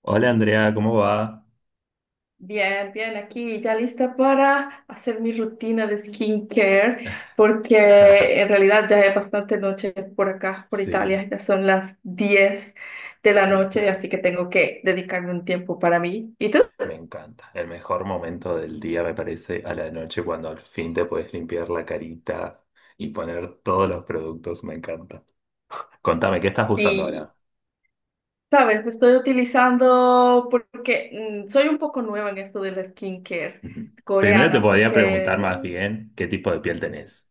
Hola Andrea, ¿cómo va? Bien, bien, aquí ya lista para hacer mi rutina de skincare, porque en realidad ya es bastante noche por acá, por Sí, Italia, ya son las 10 de la noche, claro, así que tengo que dedicarme un tiempo para mí. ¿Y tú? me encanta. El mejor momento del día me parece a la noche cuando al fin te puedes limpiar la carita y poner todos los productos, me encanta. Contame, ¿qué estás usando Sí, ahora? sabes, estoy utilizando porque soy un poco nueva en esto de la skincare Ujú. Primero te coreana, podría preguntar porque más bien qué tipo de piel tenés.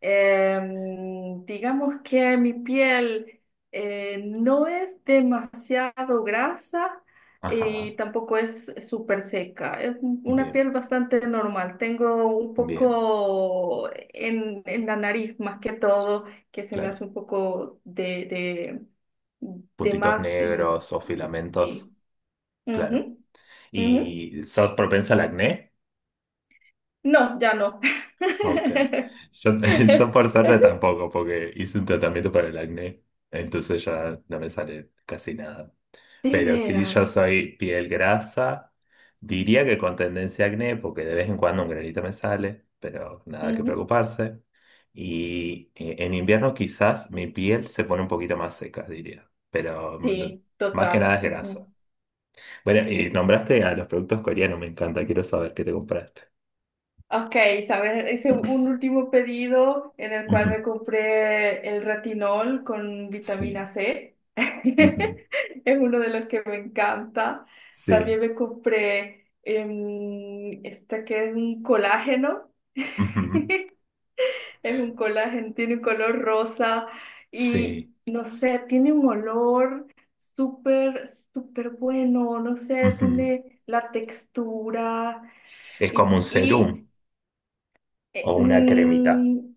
Digamos que mi piel no es demasiado grasa Ajá, y tampoco es súper seca. Es una bien, piel bastante normal. Tengo un bien, poco en la nariz más que todo, que se me claro. hace un poco de Puntitos más. Negros o filamentos, Sí. claro. Ujú, ujú. ¿Y sos propensa al acné? No, ya no. Ok. Yo, yo por suerte tampoco, porque hice un tratamiento para el acné, entonces ya no me sale casi nada. De Pero sí, yo veras. soy piel grasa, diría que con tendencia a acné, porque de vez en cuando un granito me sale, pero nada que Ujú. preocuparse. Y en invierno quizás mi piel se pone un poquito más seca, diría, pero Sí, más que total. nada es grasa. Ujú. Bueno, y nombraste a los productos coreanos, me encanta, quiero saber qué te compraste. Ok, ¿sabes? Hice un último pedido en el cual Ujú, me compré el retinol con vitamina Sí. C. Es uno de los que me encanta. También Sí, me compré este que es un colágeno. ujú, Es un colágeno, tiene un color rosa sí, y no sé, tiene un olor súper, súper bueno. No sé, ujú. tiene la textura. Es como Y, un y, serum o eh, una cremita. mm,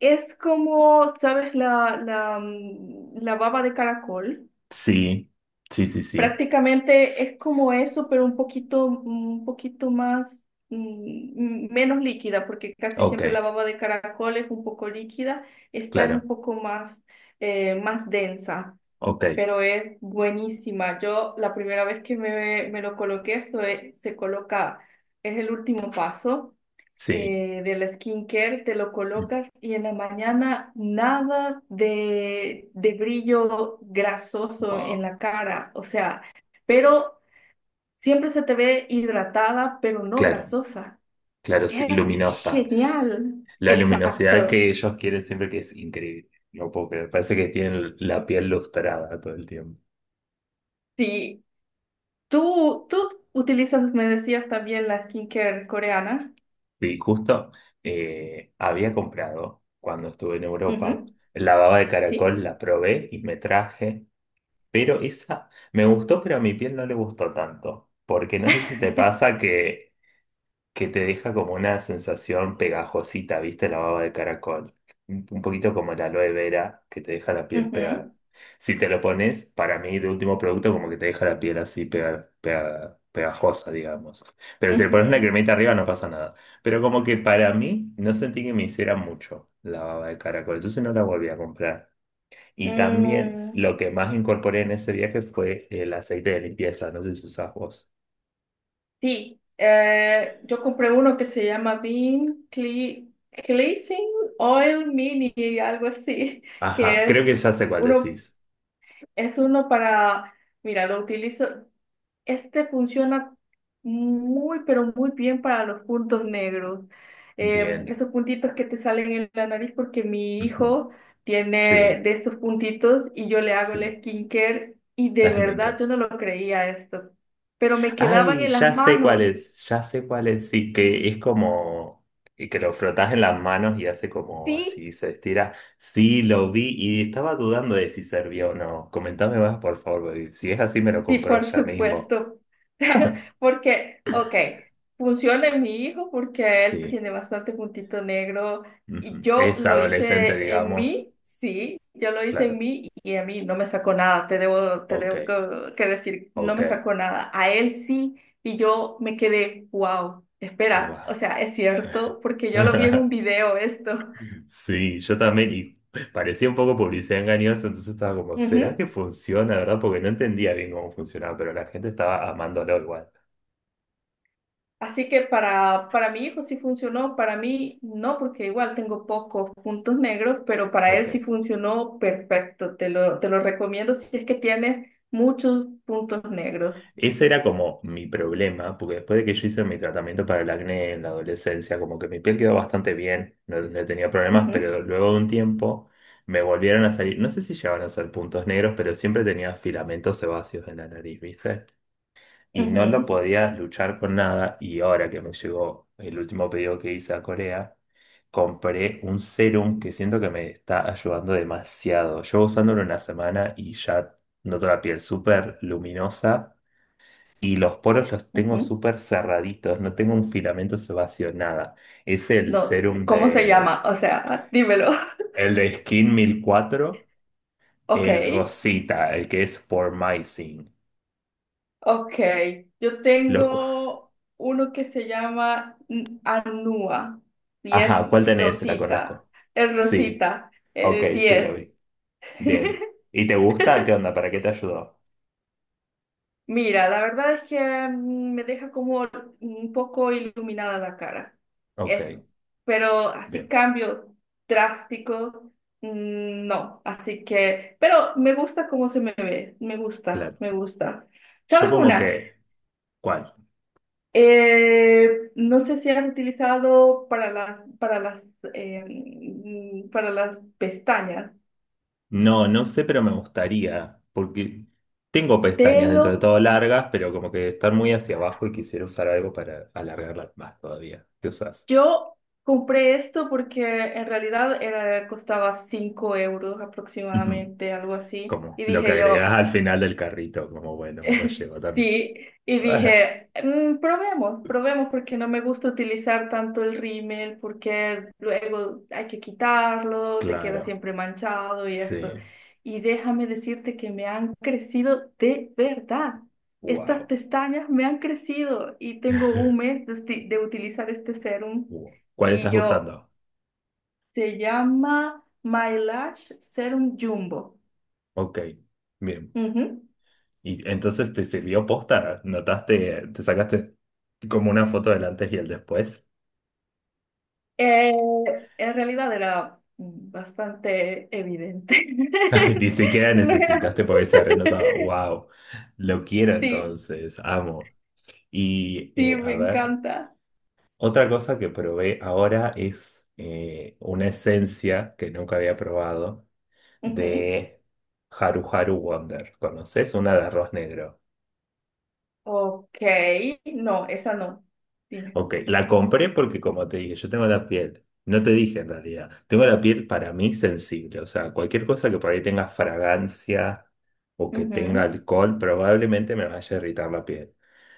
es como, ¿sabes? la baba de caracol. Sí, sí, sí, sí. Prácticamente es como eso, pero un poquito más, menos líquida, porque casi Ok, siempre la baba de caracol es un poco líquida. Esta es un claro, poco más densa, ok, pero es buenísima. Yo la primera vez que me lo coloqué, se coloca, es el último paso sí. De la skincare, te lo colocas y en la mañana nada de brillo grasoso en Wow, la cara, o sea, pero siempre se te ve hidratada, pero no claro, grasosa. claro, sí, Es luminosa. genial. La luminosidad Exacto. que ellos quieren siempre que es increíble, ¿no? Puedo creer. Parece que tienen la piel lustrada todo el tiempo. Sí. Tú utilizas, me decías también la skincare coreana. Y justo había comprado, cuando estuve en Europa, Ujú, la baba de sí. caracol, la probé y me traje. Pero esa me gustó, pero a mi piel no le gustó tanto. Porque no sé si te pasa que te deja como una sensación pegajosita, ¿viste? La baba de caracol. Un poquito como la aloe vera, que te deja la piel Ujú, pegada. Si te lo pones, para mí, de último producto, como que te deja la piel así pegajosa, digamos. Pero si le pones una ujú. cremita arriba, no pasa nada. Pero como que para mí, no sentí que me hiciera mucho la baba de caracol. Entonces no la volví a comprar. Y también Mm, lo que más incorporé en ese viaje fue el aceite de limpieza, no sé si usás vos. sí, yo compré uno que se llama Bean Cleansing Oil Mini, algo así. Que Ajá, creo es que ya sé cuál uno. decís. Es uno para, mira, lo utilizo, este funciona muy, pero muy bien para los puntos negros. Bien. Esos puntitos que te salen en la nariz porque mi Ujú. hijo tiene Sí, de estos puntitos y yo le hago el sí. skincare y de Me verdad encanta. yo no lo creía esto, pero me quedaban Ay, en las ya sé cuál manos. es, ya sé cuál es. Sí, que es como y que lo frotás en las manos y hace como Sí, así, se estira. Sí, lo vi y estaba dudando de si servía o no. Comentame más, por favor, baby. Si es así, me lo sí, compro por ya mismo. supuesto. Porque, ok, funciona en mi hijo porque él Sí, tiene bastante puntito negro y ujú. yo Es lo adolescente, hice en digamos. mí, sí, yo lo hice en Claro. mí y a mí no me sacó nada, te debo, te Ok, debo que decir, no ok. me sacó nada, a él sí, y yo me quedé, wow, espera, Wow. o sea, es cierto porque yo lo vi en un video esto. Sí, yo también, y parecía un poco publicidad engañosa, entonces estaba como, ¿será que funciona, verdad? Porque no entendía bien cómo funcionaba, pero la gente estaba amándolo igual. Así que para mi hijo sí funcionó, para mí no, porque igual tengo pocos puntos negros, pero para él sí Ok. funcionó perfecto. Te lo recomiendo si es que tienes muchos puntos negros. Ese era como mi problema, porque después de que yo hice mi tratamiento para el acné en la adolescencia, como que mi piel quedó bastante bien, no, no tenía problemas, Ujú, pero luego de un tiempo me volvieron a salir, no sé si llegaban a ser puntos negros, pero siempre tenía filamentos sebáceos en la nariz, ¿viste? Y no lo ujú, podías luchar con nada. Y ahora que me llegó el último pedido que hice a Corea, compré un serum que siento que me está ayudando demasiado. Llevo usándolo una semana y ya noto la piel súper luminosa. Y los poros los tengo ujú. súper cerraditos, no tengo un filamento sebáceo, nada. Es el No, serum ¿cómo se de... llama? O sea, dímelo. El de Skin 1004, Ok, el Rosita, el que es por Pormicin. ok. Yo Loco. tengo uno que se llama Anúa y es Ajá, ¿cuál tenés? La Rosita. conozco. El Sí. Rosita, Ok, el sí, lo 10. vi. Bien. ¿Y te gusta? ¿Qué onda? ¿Para qué te ayudó? Mira, la verdad es que me deja como un poco iluminada la cara, Ok, eso. Pero así bien, cambio drástico, no. Así que, pero me gusta cómo se me ve, me gusta, claro. me gusta. Yo ¿Sabes como una? que, ¿cuál? No sé si han utilizado para las, para las pestañas. No, no sé, pero me gustaría, porque tengo pestañas Telo dentro de todo largas, pero como que están muy hacia abajo y quisiera usar algo para alargarlas más todavía. ¿Qué usas? Yo compré esto porque en realidad era, costaba 5 euros Ujú. aproximadamente, algo así. Como Y lo que dije yo, agregás al final del carrito, como bueno, me lo llevo también. sí. Y Ah, dije, "Mm, probemos, probemos porque no me gusta utilizar tanto el rímel porque luego hay que quitarlo, te queda claro, siempre manchado y esto." sí. Y déjame decirte que me han crecido de verdad. Estas Wow. pestañas me han crecido y tengo un mes de utilizar este serum, ¿Cuál y estás yo... usando? Se llama My Lash Serum Jumbo. Ok, bien. Ujú. Y entonces te sirvió posta, notaste, te sacaste como una foto del antes y el después. Eh, en realidad era bastante evidente. Ni siquiera No era- necesitaste porque se renotaba. Wow, lo quiero Sí, entonces, amo. Y sí, me a ver, encanta. otra cosa que probé ahora es una esencia que nunca había probado Ujú. de Haru Haru Wonder. ¿Conoces? Una de arroz negro. Ok, no, esa no. Dime. Ok, la compré porque como te dije, yo tengo la piel, no te dije en realidad, tengo la piel para mí sensible, o sea, cualquier cosa que por ahí tenga fragancia o que tenga Ujú, alcohol probablemente me vaya a irritar la piel.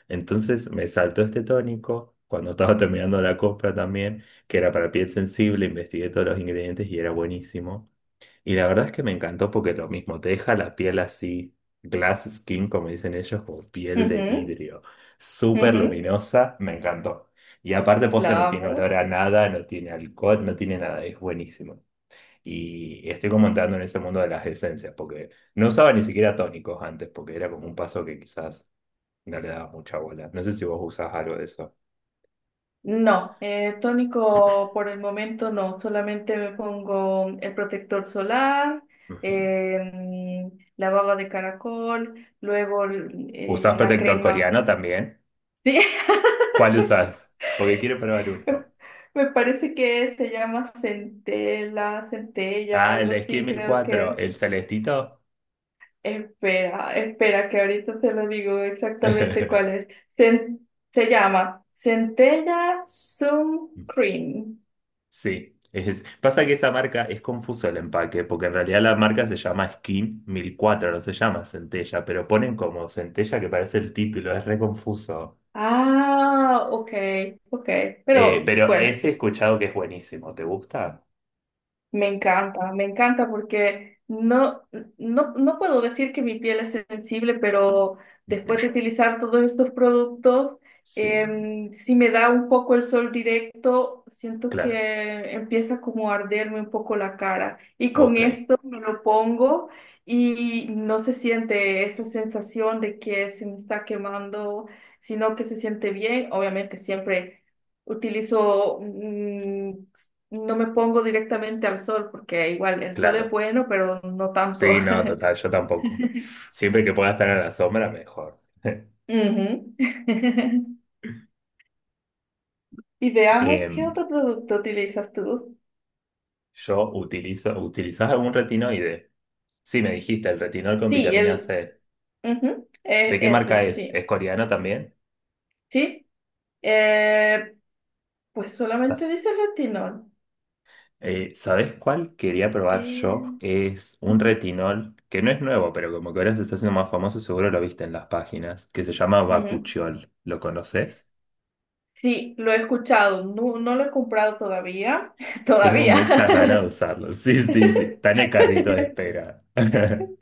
Entonces me saltó este tónico cuando estaba terminando la compra también, que era para piel sensible, investigué todos los ingredientes y era buenísimo. Y la verdad es que me encantó porque lo mismo, te deja la piel así, glass skin, como dicen ellos, como piel de ujú, vidrio, súper ujú. luminosa, me encantó. Y aparte La posta no tiene amo. olor a nada, no tiene alcohol, no tiene nada, es buenísimo. Y estoy como entrando en ese mundo de las esencias, porque no usaba ni siquiera tónicos antes, porque era como un paso que quizás no le daba mucha bola. No sé si vos usás algo de eso. No, tónico por el momento no, solamente me pongo el protector solar, Ujú. em, la baba de caracol, luego ¿Usás la protector crema. coreano también? Sí, ¿Cuál usás? Porque quiero probar uno. me parece que se llama centela, centella, Ah, el algo de Esquí así, mil creo que cuatro, era. el celestito. Espera, espera, que ahorita te lo digo exactamente cuál es. Cen- se llama Centella Sun Cream. Sí, pasa que esa marca es confuso el empaque, porque en realidad la marca se llama Skin 1004, no se llama Centella, pero ponen como Centella que parece el título, es re confuso. Ah, ok, ok. Pero Pero bueno, ese he escuchado que es buenísimo, ¿te gusta? Me encanta porque no, no, no puedo decir que mi piel es sensible, pero Ujú. después de utilizar todos estos productos, Sí, si me da un poco el sol directo, siento claro, que empieza como a arderme un poco la cara. Y con ok, esto me lo pongo y no se siente esa sensación de que se me está quemando, sino que se siente bien. Obviamente siempre utilizo no me pongo directamente al sol, porque igual el sol es claro. bueno, pero no tanto. Sí, no, total, yo tampoco. Siempre que pueda estar a la sombra, mejor. Ujú. Y veamos qué Em, otro producto utilizas tú. yo utilizo, ¿utilizás algún retinoide? Sí, me dijiste, el retinol con Sí, vitamina el C. ujú, ¿De qué marca ese, es? ¿Es sí. coreano también? Sí, eh, pues solamente dice retinol. ¿Sabés cuál quería probar Eh, yo? Es un ujú, retinol que no es nuevo, pero como que ahora se está haciendo más famoso, seguro lo viste en las páginas, que se llama ujú. Bakuchiol. ¿Lo conoces? Sí, lo he escuchado, no, no lo he comprado todavía, Tengo todavía. muchas ganas de usarlo. Sí, sí, sí. Está en el carrito de espera.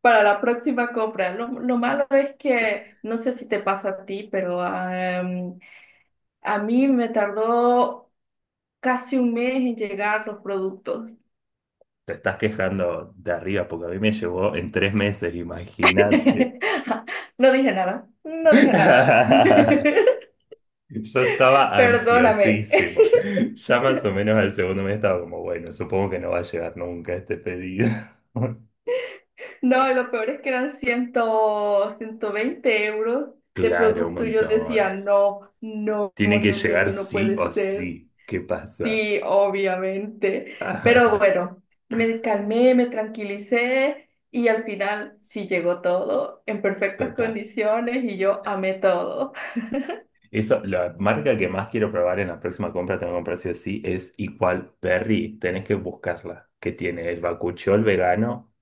Para la próxima compra. Lo malo es que, no sé si te pasa a ti, pero am, a mí me tardó casi un mes en llegar los productos. Te estás quejando de arriba porque a mí me llevó en 3 meses, imagínate. No dije nada, no dije nada. Yo estaba Perdóname. ansiosísimo. Ya más o menos al segundo mes estaba como, bueno, supongo que no va a llegar nunca este pedido. No, y lo peor es que eran 120 euros de Claro, un producto y yo montón. decía, no, no, Tiene no, que no, llegar no, no sí puede o ser. sí. ¿Qué pasa? Sí, obviamente. Pero bueno, me calmé, me tranquilicé y al final sí llegó todo en perfectas Total. condiciones y yo amé todo. Eso, la marca que más quiero probar en la próxima compra, tengo que comprar sí o sí, es Equal Berry. Tenés que buscarla. Que tiene el bakuchiol vegano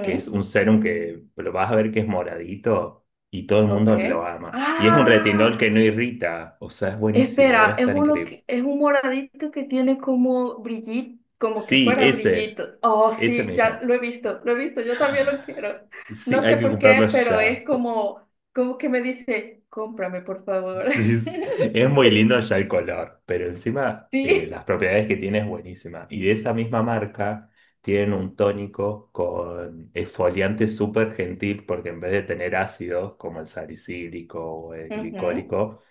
que es un serum que lo vas a ver que es moradito y todo el ok. mundo lo ama. Y es un Ah, retinol que no irrita, o sea, es buenísimo, debe espera, es estar increíble. Es un moradito que tiene como brillito, como que Sí, fuera ese, brillito. Oh, ese sí, ya mismo. Lo he visto, yo también lo quiero. Sí, No hay sé que por qué, comprarlo pero ya. es como, como que me dice, cómprame, por favor. Sí, es muy lindo ya el color, pero encima Sí. las propiedades que tiene es buenísima. Y de esa misma marca tienen un tónico con exfoliante súper gentil porque en vez de tener ácidos como el salicílico o el Ujú. glicólico,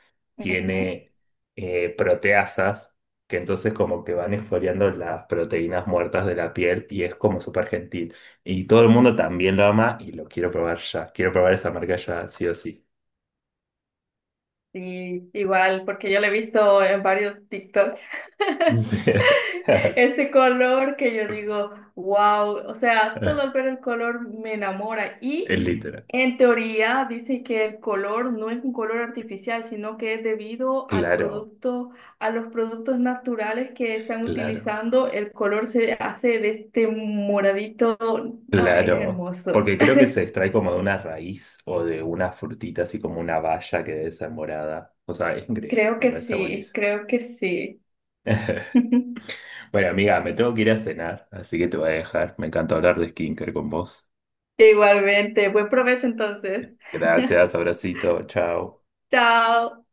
Ujú. tiene proteasas, que entonces como que van exfoliando las proteínas muertas de la piel y es como súper gentil. Y todo el mundo también lo ama y lo quiero probar ya. Quiero probar esa marca ya, sí o sí. Sí, igual, porque yo lo he visto en varios TikTok, Sí. este color que yo digo, wow, o sea, solo al ver el color me enamora. Y Es literal. en teoría dice que el color no es un color artificial, sino que es debido al Claro, producto, a los productos naturales que están claro, utilizando, el color se hace de este moradito, ah, es claro. hermoso. Porque creo que se extrae como de una raíz o de una frutita, así como una baya que debe ser morada. O sea, es increíble, Creo me que parece sí, buenísimo. creo que sí. Bueno, amiga, me tengo que ir a cenar, así que te voy a dejar. Me encanta hablar de skincare con vos. Igualmente, buen provecho entonces. Gracias, abracito, chao. Chao.